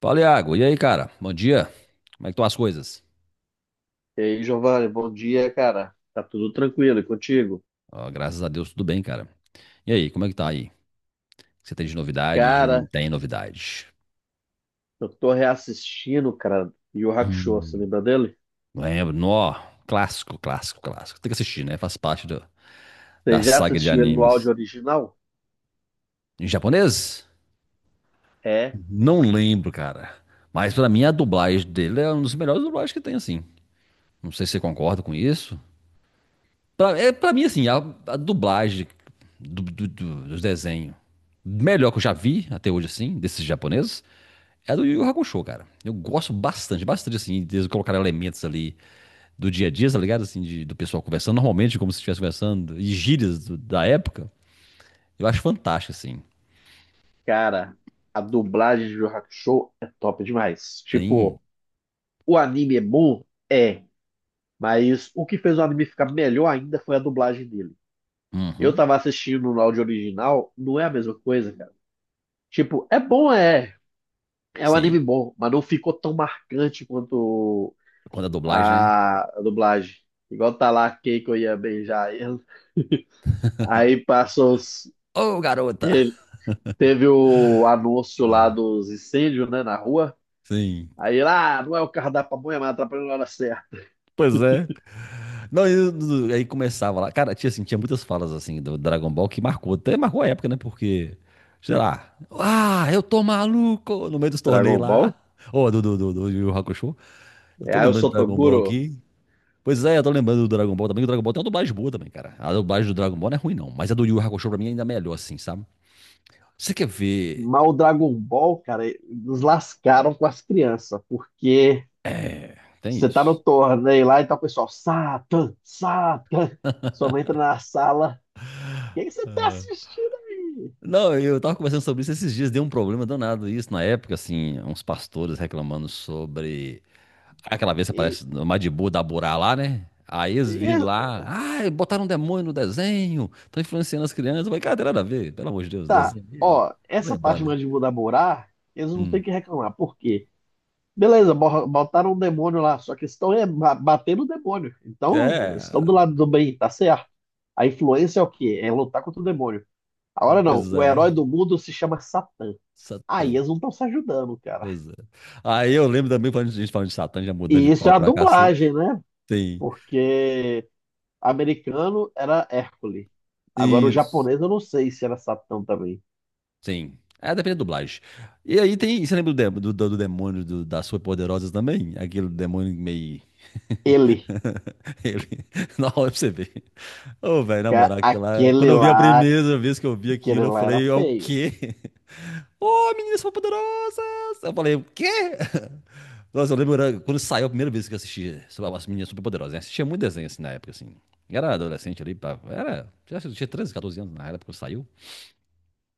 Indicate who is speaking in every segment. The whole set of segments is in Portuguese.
Speaker 1: Fala, Iago. E aí, cara? Bom dia. Como é que estão as coisas?
Speaker 2: E aí, Giovanni, bom dia, cara. Tá tudo tranquilo e contigo?
Speaker 1: Ó, graças a Deus, tudo bem, cara. E aí, como é que tá aí? Você tem de novidade? De Não
Speaker 2: Cara,
Speaker 1: tem novidade?
Speaker 2: eu tô reassistindo, cara, Yu Yu Hakusho, você
Speaker 1: Hum,
Speaker 2: lembra dele?
Speaker 1: lembro. Nó, clássico, clássico, clássico. Tem que assistir, né? Faz parte
Speaker 2: Você
Speaker 1: da
Speaker 2: já
Speaker 1: saga de
Speaker 2: assistiu ele no
Speaker 1: animes.
Speaker 2: áudio original?
Speaker 1: Em japonês?
Speaker 2: É,
Speaker 1: Não lembro, cara. Mas pra mim, a dublagem dele é uma das melhores dublagens que tem, assim. Não sei se você concorda com isso. Pra mim, assim, a dublagem dos desenhos melhor que eu já vi até hoje, assim, desses japoneses, é do Yu Yu Hakusho, cara. Eu gosto bastante, bastante, assim, de eles colocarem elementos ali do dia a dia, tá ligado? Assim, do pessoal conversando normalmente, como se estivesse conversando, e gírias da época. Eu acho fantástico, assim.
Speaker 2: cara, a dublagem de Yu Yu Hakusho é top demais.
Speaker 1: Sim.
Speaker 2: Tipo, o anime é bom? É, mas o que fez o anime ficar melhor ainda foi a dublagem dele. Eu
Speaker 1: Uhum.
Speaker 2: tava assistindo no áudio original, não é a mesma coisa, cara. Tipo, é bom, é. É um anime
Speaker 1: Sim.
Speaker 2: bom, mas não ficou tão marcante quanto
Speaker 1: Quando a dublagem, né?
Speaker 2: a dublagem. Igual tá lá Keiko ia beijar ele. Aí passou os...
Speaker 1: Ô, garota!
Speaker 2: ele- teve o anúncio lá dos incêndios, né, na rua.
Speaker 1: Sim.
Speaker 2: Aí lá, ah, não é o carro da pamonha, mas atrapalhou na hora certa.
Speaker 1: Pois é. Não, aí começava lá. Cara, tinha muitas falas assim do Dragon Ball que marcou, até marcou a época, né? Porque, sei lá, eu tô maluco no meio dos torneios
Speaker 2: Dragon
Speaker 1: lá.
Speaker 2: Ball?
Speaker 1: Ô, do Yu Yu Hakusho. Eu
Speaker 2: É,
Speaker 1: tô
Speaker 2: aí o
Speaker 1: lembrando do Dragon Ball
Speaker 2: Sotoguro.
Speaker 1: aqui. Pois é, eu tô lembrando do Dragon Ball também. Que O Dragon Ball tem uma dublagem boa também, cara. A dublagem do Dragon Ball não é ruim, não. Mas a do Yu Yu Hakusho pra mim é ainda melhor, assim, sabe? Você quer ver.
Speaker 2: Mas o Dragon Ball, cara, nos lascaram com as crianças, porque
Speaker 1: É, tem
Speaker 2: você tá no
Speaker 1: isso.
Speaker 2: torneio lá e tá o pessoal, Satan, Satan. Sua mãe entra na sala. O que que você tá
Speaker 1: Ah.
Speaker 2: assistindo aí?
Speaker 1: Não, eu tava conversando sobre isso esses dias, deu um problema danado isso na época, assim, uns pastores reclamando sobre aquela vez que
Speaker 2: E,
Speaker 1: aparece no Madibu da Burá lá, né? Aí eles
Speaker 2: e
Speaker 1: viram lá, botaram um demônio no desenho, estão influenciando as crianças. Eu falei, cara, não tem nada a ver, pelo amor de Deus,
Speaker 2: tá,
Speaker 1: desenho ali.
Speaker 2: ó,
Speaker 1: Não
Speaker 2: essa
Speaker 1: lembrar
Speaker 2: parte
Speaker 1: ali.
Speaker 2: mais de mudar morar, eles não têm
Speaker 1: Hum.
Speaker 2: que reclamar. Por quê? Beleza, botaram um demônio lá, só que eles estão é, batendo o demônio. Então, eles estão do
Speaker 1: É,
Speaker 2: lado do bem, tá certo. A influência é o quê? É lutar contra o demônio. Agora não,
Speaker 1: pois
Speaker 2: o
Speaker 1: é,
Speaker 2: herói do mundo se chama Satã. Aí
Speaker 1: Satã,
Speaker 2: eles não estão se ajudando, cara.
Speaker 1: pois é. Aí eu lembro também, quando a gente falando de Satã, já
Speaker 2: E
Speaker 1: mudando de
Speaker 2: isso é
Speaker 1: pau
Speaker 2: a
Speaker 1: pra cacete.
Speaker 2: dublagem, né?
Speaker 1: Sim,
Speaker 2: Porque americano era Hércules. Agora o
Speaker 1: isso.
Speaker 2: japonês eu não sei se era Satã também.
Speaker 1: Sim. É, depende da dublagem. E aí tem. Você lembra do demônio das Superpoderosas também? Aquele demônio meio.
Speaker 2: Ele,
Speaker 1: Ele... Na hora pra você ver. Ô, velho, na
Speaker 2: ca-
Speaker 1: moral, aquilo lá. Quando
Speaker 2: aquele
Speaker 1: eu vi a
Speaker 2: lá,
Speaker 1: primeira vez que eu vi aquilo,
Speaker 2: aquele
Speaker 1: eu
Speaker 2: lá era
Speaker 1: falei, é o
Speaker 2: feio.
Speaker 1: quê? Ô, meninas superpoderosas! Eu falei, o quê? Nossa, eu lembro era quando saiu a primeira vez que eu assisti sobre as meninas superpoderosas, né? Assistia muito desenho assim na época, assim. Era adolescente ali, pá. Era. Já tinha 13 14 anos na época quando saiu.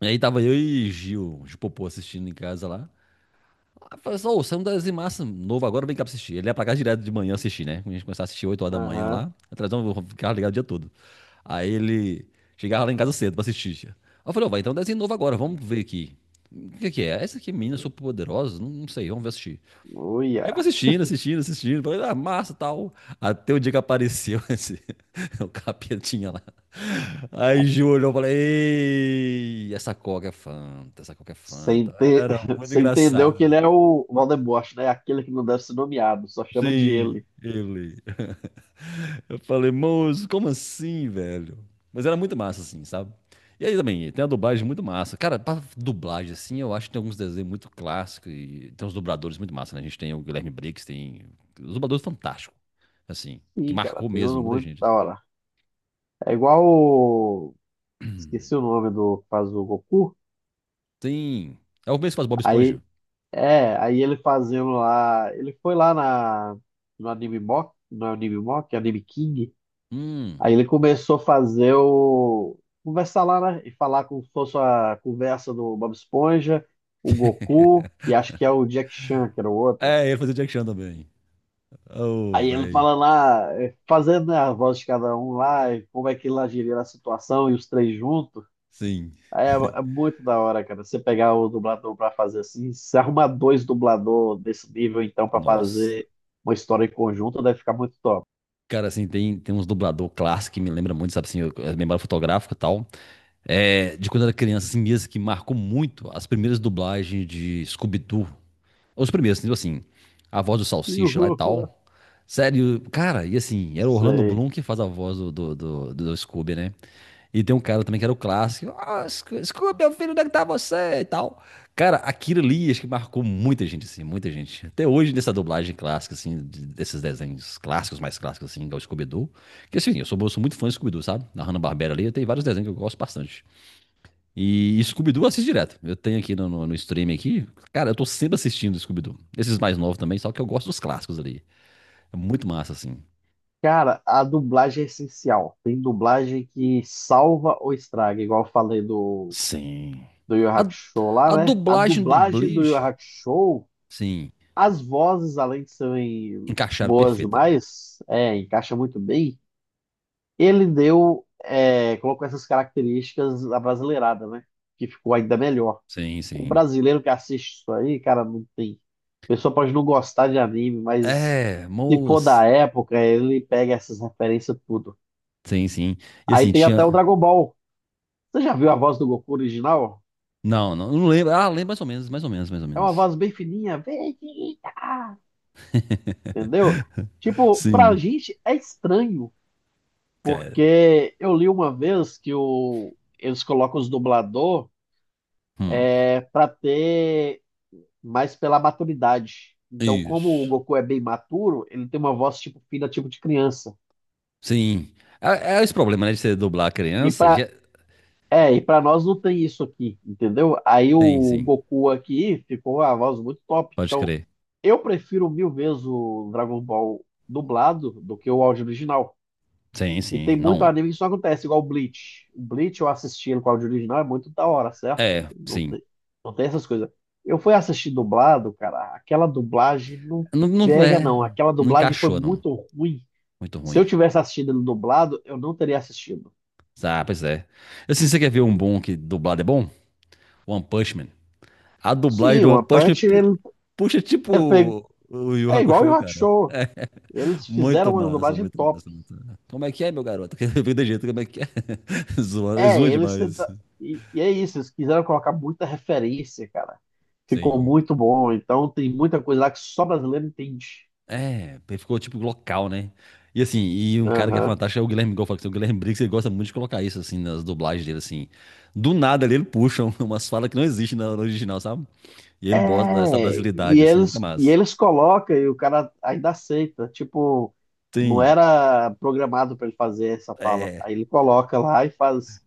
Speaker 1: E aí tava eu e Gil, Gil Popô, assistindo em casa lá. Aí eu falei assim, ô, saiu um desenho massa novo agora, vem cá pra assistir. Ele ia pra casa direto de manhã assistir, né? A gente começava a assistir 8 horas da manhã
Speaker 2: Aham.
Speaker 1: lá. A televisão eu ficava ligado o dia todo. Aí ele chegava lá em casa cedo pra assistir. Tia. Aí eu falei, ó, vai, então um desenho novo agora, vamos ver aqui. O que que é? Essa aqui é Minas Superpoderosas? Não, não sei, vamos ver assistir. Aí eu vou
Speaker 2: Uia.
Speaker 1: assistindo, assistindo, assistindo. Falei, ah, massa, tal. Até o dia que apareceu esse, o capetinha lá. Aí Gil olhou e falei, ei, essa Coca é Fanta, essa Coca é
Speaker 2: Você
Speaker 1: Fanta.
Speaker 2: ente-
Speaker 1: Era muito
Speaker 2: Você entendeu que
Speaker 1: engraçado,
Speaker 2: ele
Speaker 1: né?
Speaker 2: é o Voldemort, né? Aquele que não deve ser nomeado, só chama de
Speaker 1: Sim,
Speaker 2: ele.
Speaker 1: ele. Eu falei, moço, como assim, velho? Mas era muito massa, assim, sabe? E aí também, tem a dublagem muito massa. Cara, pra dublagem, assim, eu acho que tem alguns desenhos muito clássicos e tem uns dubladores muito massa, né? A gente tem o Guilherme Briggs, tem os dubladores fantásticos, assim, que
Speaker 2: Sim, cara,
Speaker 1: marcou
Speaker 2: tem
Speaker 1: mesmo
Speaker 2: um
Speaker 1: muita
Speaker 2: muito
Speaker 1: gente.
Speaker 2: da hora. É igual o... Esqueci o nome do que faz o Goku.
Speaker 1: Tem... É o mesmo que faz Bob
Speaker 2: Aí,
Speaker 1: Esponja.
Speaker 2: é, aí ele fazendo lá... Ele foi lá na... no Anime Mock, não é Anime Mock, é Anime King.
Speaker 1: Hum.
Speaker 2: Aí ele começou a fazer o. Conversar lá, né? E falar como se fosse a conversa do Bob Esponja, o Goku e acho que é o Jack Chan, que era o outro.
Speaker 1: É, ele fazia o Jack Chan também. Oh,
Speaker 2: Aí ele
Speaker 1: velho.
Speaker 2: fala lá, fazendo, né, a voz de cada um lá, e como é que ele agiria na situação e os três juntos.
Speaker 1: Sim.
Speaker 2: Aí é, é muito da hora, cara. Você pegar o dublador pra fazer assim, se arrumar dois dublador desse nível, então, pra
Speaker 1: Nossa.
Speaker 2: fazer uma história em conjunto, deve ficar muito top.
Speaker 1: Cara, assim, tem uns dublador clássico que me lembra muito, sabe, assim, a memória fotográfica e tal. De quando eu era criança, assim mesmo, que marcou muito as primeiras dublagens de Scooby-Doo. Os primeiros, tipo assim, a voz do Salsicha lá e tal. Sério, cara, e assim, era o Orlando
Speaker 2: Sei.
Speaker 1: Bloom que faz a voz do Scooby, né? E tem um cara também que era o clássico. Ah, Scooby, meu filho, onde é que tá você? E tal. Cara, aquilo ali acho que marcou muita gente, assim, muita gente. Até hoje, nessa dublagem clássica, assim, desses desenhos clássicos, mais clássicos, assim, igual o Scooby-Doo. Que assim, eu sou muito fã do Scooby-Doo, sabe? Na Hanna-Barbera ali, tem vários desenhos que eu gosto bastante. E Scooby-Doo eu assisto direto. Eu tenho aqui no stream aqui. Cara, eu tô sempre assistindo Scooby-Doo. Esses mais novos também, só que eu gosto dos clássicos ali. É muito massa, assim.
Speaker 2: Cara, a dublagem é essencial. Tem dublagem que salva ou estraga, igual eu falei do,
Speaker 1: Sim.
Speaker 2: do Yu Yu
Speaker 1: A,
Speaker 2: Hakusho lá,
Speaker 1: a
Speaker 2: né? A
Speaker 1: dublagem do
Speaker 2: dublagem do Yu Yu
Speaker 1: Bleach,
Speaker 2: Hakusho,
Speaker 1: sim,
Speaker 2: as vozes, além de serem
Speaker 1: encaixaram
Speaker 2: boas
Speaker 1: perfeito ali.
Speaker 2: demais, é, encaixa muito bem. Ele deu, é, colocou essas características da brasileirada, né? Que ficou ainda melhor.
Speaker 1: Sim,
Speaker 2: O
Speaker 1: sim.
Speaker 2: brasileiro que assiste isso aí, cara, não tem. A pessoa pode não gostar de anime, mas
Speaker 1: É,
Speaker 2: se for da
Speaker 1: moço.
Speaker 2: época, ele pega essas referências tudo.
Speaker 1: Sim, sim. E
Speaker 2: Aí
Speaker 1: assim,
Speaker 2: tem até o
Speaker 1: tinha.
Speaker 2: Dragon Ball. Você já viu a voz do Goku original?
Speaker 1: Não, não, não lembro. Ah, lembro mais ou menos, mais ou menos, mais ou
Speaker 2: É uma
Speaker 1: menos.
Speaker 2: voz bem fininha, Vegeta! Entendeu? Tipo, pra
Speaker 1: Sim,
Speaker 2: gente é estranho,
Speaker 1: cara.
Speaker 2: porque eu li uma vez que o, eles colocam os dublador
Speaker 1: Hum,
Speaker 2: é, pra ter mais pela maturidade. Então, como o
Speaker 1: isso.
Speaker 2: Goku é bem maturo, ele tem uma voz tipo fina, tipo de criança.
Speaker 1: Sim. É esse problema, né, de você dublar a
Speaker 2: E
Speaker 1: criança.
Speaker 2: pra
Speaker 1: Já...
Speaker 2: É, e pra nós não tem isso aqui, entendeu? Aí
Speaker 1: Sim,
Speaker 2: o
Speaker 1: sim.
Speaker 2: Goku aqui ficou a voz muito top.
Speaker 1: Pode
Speaker 2: Então,
Speaker 1: crer.
Speaker 2: eu prefiro mil vezes o Dragon Ball dublado do que o áudio original.
Speaker 1: Sim,
Speaker 2: E
Speaker 1: sim.
Speaker 2: tem muito
Speaker 1: Não.
Speaker 2: anime que isso acontece, igual o Bleach. O Bleach eu assisti ele com o áudio original, é muito da hora, certo?
Speaker 1: É,
Speaker 2: Não
Speaker 1: sim.
Speaker 2: tem, não tem essas coisas. Eu fui assistir dublado, cara, aquela dublagem não
Speaker 1: Não, não
Speaker 2: pega,
Speaker 1: é.
Speaker 2: não. Aquela
Speaker 1: Não
Speaker 2: dublagem foi
Speaker 1: encaixou, não.
Speaker 2: muito ruim.
Speaker 1: Muito
Speaker 2: Se eu
Speaker 1: ruim.
Speaker 2: tivesse assistido ele dublado, eu não teria assistido.
Speaker 1: Ah, pois é. Assim, você quer ver um bom que dublado é bom? One Punch Man. A dublagem
Speaker 2: Sim,
Speaker 1: do
Speaker 2: o
Speaker 1: One
Speaker 2: One
Speaker 1: Punch Man
Speaker 2: Punch, ele,
Speaker 1: puxa
Speaker 2: ele pegou.
Speaker 1: tipo o Yu
Speaker 2: É igual o
Speaker 1: Hakusho,
Speaker 2: Rock
Speaker 1: cara.
Speaker 2: Show. Eles fizeram
Speaker 1: Muito
Speaker 2: uma
Speaker 1: massa,
Speaker 2: dublagem
Speaker 1: muito
Speaker 2: top.
Speaker 1: massa, muito massa. Como é que é, meu garoto? Vem de jeito, como é que é? Zoa,
Speaker 2: É,
Speaker 1: zoa
Speaker 2: eles
Speaker 1: demais.
Speaker 2: tenta... e é isso, eles quiseram colocar muita referência, cara. Ficou
Speaker 1: Sim.
Speaker 2: muito bom. Então tem muita coisa lá que só brasileiro entende.
Speaker 1: É, ficou tipo local, né? E assim, e um cara que é
Speaker 2: Aham.
Speaker 1: fantástico é o Guilherme, igual eu falei, que o Guilherme Briggs, ele gosta muito de colocar isso, assim, nas dublagens dele, assim. Do nada ali ele puxa umas falas que não existem na no original, sabe? E ele bota essa
Speaker 2: É, e
Speaker 1: brasilidade, assim, fica
Speaker 2: eles, e
Speaker 1: massa.
Speaker 2: eles colocam e o cara ainda aceita. Tipo, não
Speaker 1: Tem,
Speaker 2: era programado pra ele fazer essa fala.
Speaker 1: é,
Speaker 2: Aí ele coloca lá e faz.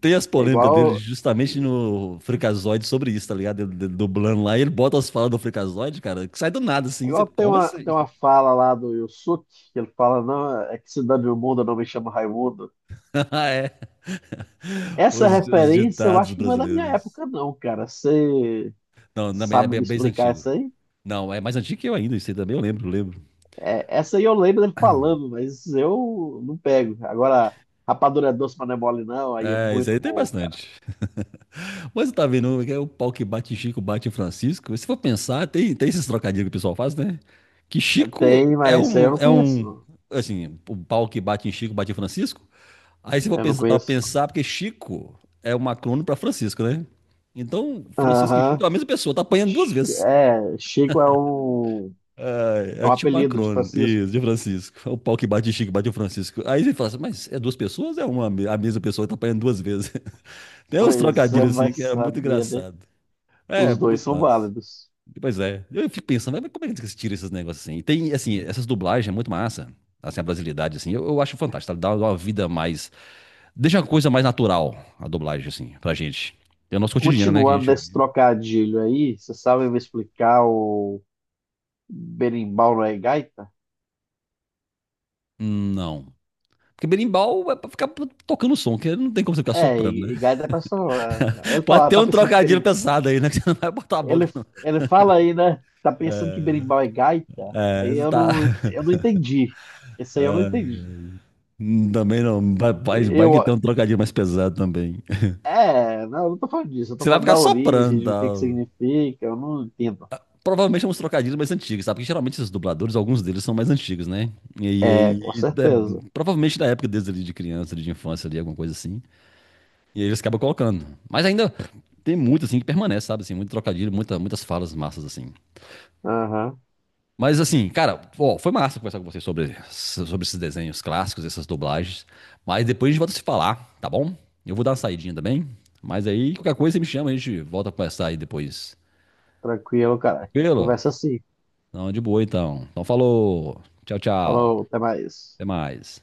Speaker 1: tem as
Speaker 2: É
Speaker 1: polêmicas dele
Speaker 2: igual,
Speaker 1: justamente no Freakazoid sobre isso, tá ligado? Ele dublando lá, e ele bota as falas do Freakazoid, cara, que sai do nada,
Speaker 2: é
Speaker 1: assim, você,
Speaker 2: igual
Speaker 1: como assim?
Speaker 2: tem uma fala lá do Yusuke, que ele fala, não, é que cidade do mundo não me chama Raimundo.
Speaker 1: É,
Speaker 2: Essa
Speaker 1: os
Speaker 2: referência eu
Speaker 1: ditados
Speaker 2: acho que não é da minha
Speaker 1: brasileiros.
Speaker 2: época, não, cara. Você
Speaker 1: Não, também é
Speaker 2: sabe
Speaker 1: bem,
Speaker 2: me explicar
Speaker 1: antigo.
Speaker 2: essa aí?
Speaker 1: Não, é mais antigo que eu ainda, isso aí também eu lembro, lembro.
Speaker 2: É, essa aí eu lembro dele falando, mas eu não pego. Agora, rapadura é doce, mas não é mole, não. Aí é
Speaker 1: É, isso
Speaker 2: muito
Speaker 1: aí tem
Speaker 2: bom, cara.
Speaker 1: bastante. Mas você tá vendo, é o pau que bate em Chico, bate em Francisco. Se for pensar, tem esses trocadilhos que o pessoal faz, né? Que
Speaker 2: É,
Speaker 1: Chico
Speaker 2: tem,
Speaker 1: é
Speaker 2: mas essa aí eu
Speaker 1: um,
Speaker 2: não
Speaker 1: é
Speaker 2: conheço,
Speaker 1: um,
Speaker 2: não.
Speaker 1: assim, o pau que bate em Chico, bate em Francisco. Aí se for
Speaker 2: Eu não
Speaker 1: pensar, pra
Speaker 2: conheço.
Speaker 1: pensar, porque Chico é um acrônimo pra Francisco, né? Então,
Speaker 2: Não.
Speaker 1: Francisco e Chico
Speaker 2: Aham.
Speaker 1: é a mesma pessoa, tá apanhando duas vezes.
Speaker 2: É, Chico
Speaker 1: É,
Speaker 2: é
Speaker 1: é
Speaker 2: um
Speaker 1: tipo um
Speaker 2: apelido de
Speaker 1: acrônimo,
Speaker 2: Francisco.
Speaker 1: isso, de Francisco. É o pau que bate em Chico, bate em Francisco. Aí você fala assim, mas é duas pessoas? É uma, a mesma pessoa que tá apanhando duas vezes. Tem uns
Speaker 2: Pois é,
Speaker 1: trocadilhos assim
Speaker 2: mas
Speaker 1: que era muito
Speaker 2: sabia, né?
Speaker 1: engraçado. É,
Speaker 2: Os dois
Speaker 1: muito
Speaker 2: são
Speaker 1: massa.
Speaker 2: válidos.
Speaker 1: Pois é. Eu fico pensando, mas como é que se tira esses negócios assim? E tem, assim, essas dublagens é muito massa. Assim, a brasilidade, assim, eu acho fantástico. Tá? Dá uma vida mais. Deixa uma coisa mais natural a dublagem, assim, pra gente. É o nosso cotidiano, né? Que a
Speaker 2: Continuando nesse
Speaker 1: gente.
Speaker 2: trocadilho aí, você sabe me explicar o. Berimbau não é gaita?
Speaker 1: Não. Porque berimbau é pra ficar tocando som, que não tem como você ficar
Speaker 2: É,
Speaker 1: soprando, né?
Speaker 2: e gaita é pessoa. É, ele
Speaker 1: Pode
Speaker 2: fala,
Speaker 1: ter
Speaker 2: tá
Speaker 1: um
Speaker 2: pensando que
Speaker 1: trocadilho pesado aí, né? Que você não vai botar a
Speaker 2: ele,
Speaker 1: boca, não.
Speaker 2: ele fala aí, né? Tá pensando que berimbau é gaita?
Speaker 1: É,
Speaker 2: Aí
Speaker 1: tá.
Speaker 2: eu não entendi. Esse aí eu não entendi.
Speaker 1: Também não. Vai, vai vai
Speaker 2: Eu,
Speaker 1: que tem um trocadilho mais pesado também.
Speaker 2: é, não, eu não tô falando disso, eu tô
Speaker 1: Você vai
Speaker 2: falando
Speaker 1: ficar
Speaker 2: da origem,
Speaker 1: soprando,
Speaker 2: de o que que
Speaker 1: tal.
Speaker 2: significa, eu não entendo.
Speaker 1: Provavelmente é uns trocadilhos mais antigos, sabe? Porque geralmente esses dubladores, alguns deles são mais antigos, né? E
Speaker 2: É,
Speaker 1: aí,
Speaker 2: com certeza.
Speaker 1: provavelmente da época deles ali de criança, ali de infância, ali, alguma coisa assim. E aí eles acabam colocando. Mas ainda tem muito, assim, que permanece, sabe? Assim, muito trocadilho, muitas falas massas, assim.
Speaker 2: Aham,
Speaker 1: Mas, assim, cara, ó, foi massa conversar com vocês sobre, esses desenhos clássicos, essas dublagens. Mas depois a gente volta a se falar, tá bom? Eu vou dar uma saidinha também. Mas aí, qualquer coisa, você me chama, a gente volta a conversar aí depois.
Speaker 2: tranquilo, cara.
Speaker 1: Tranquilo?
Speaker 2: Conversa assim.
Speaker 1: Não, de boa então. Então falou. Tchau, tchau.
Speaker 2: Falou, até mais.
Speaker 1: Até mais.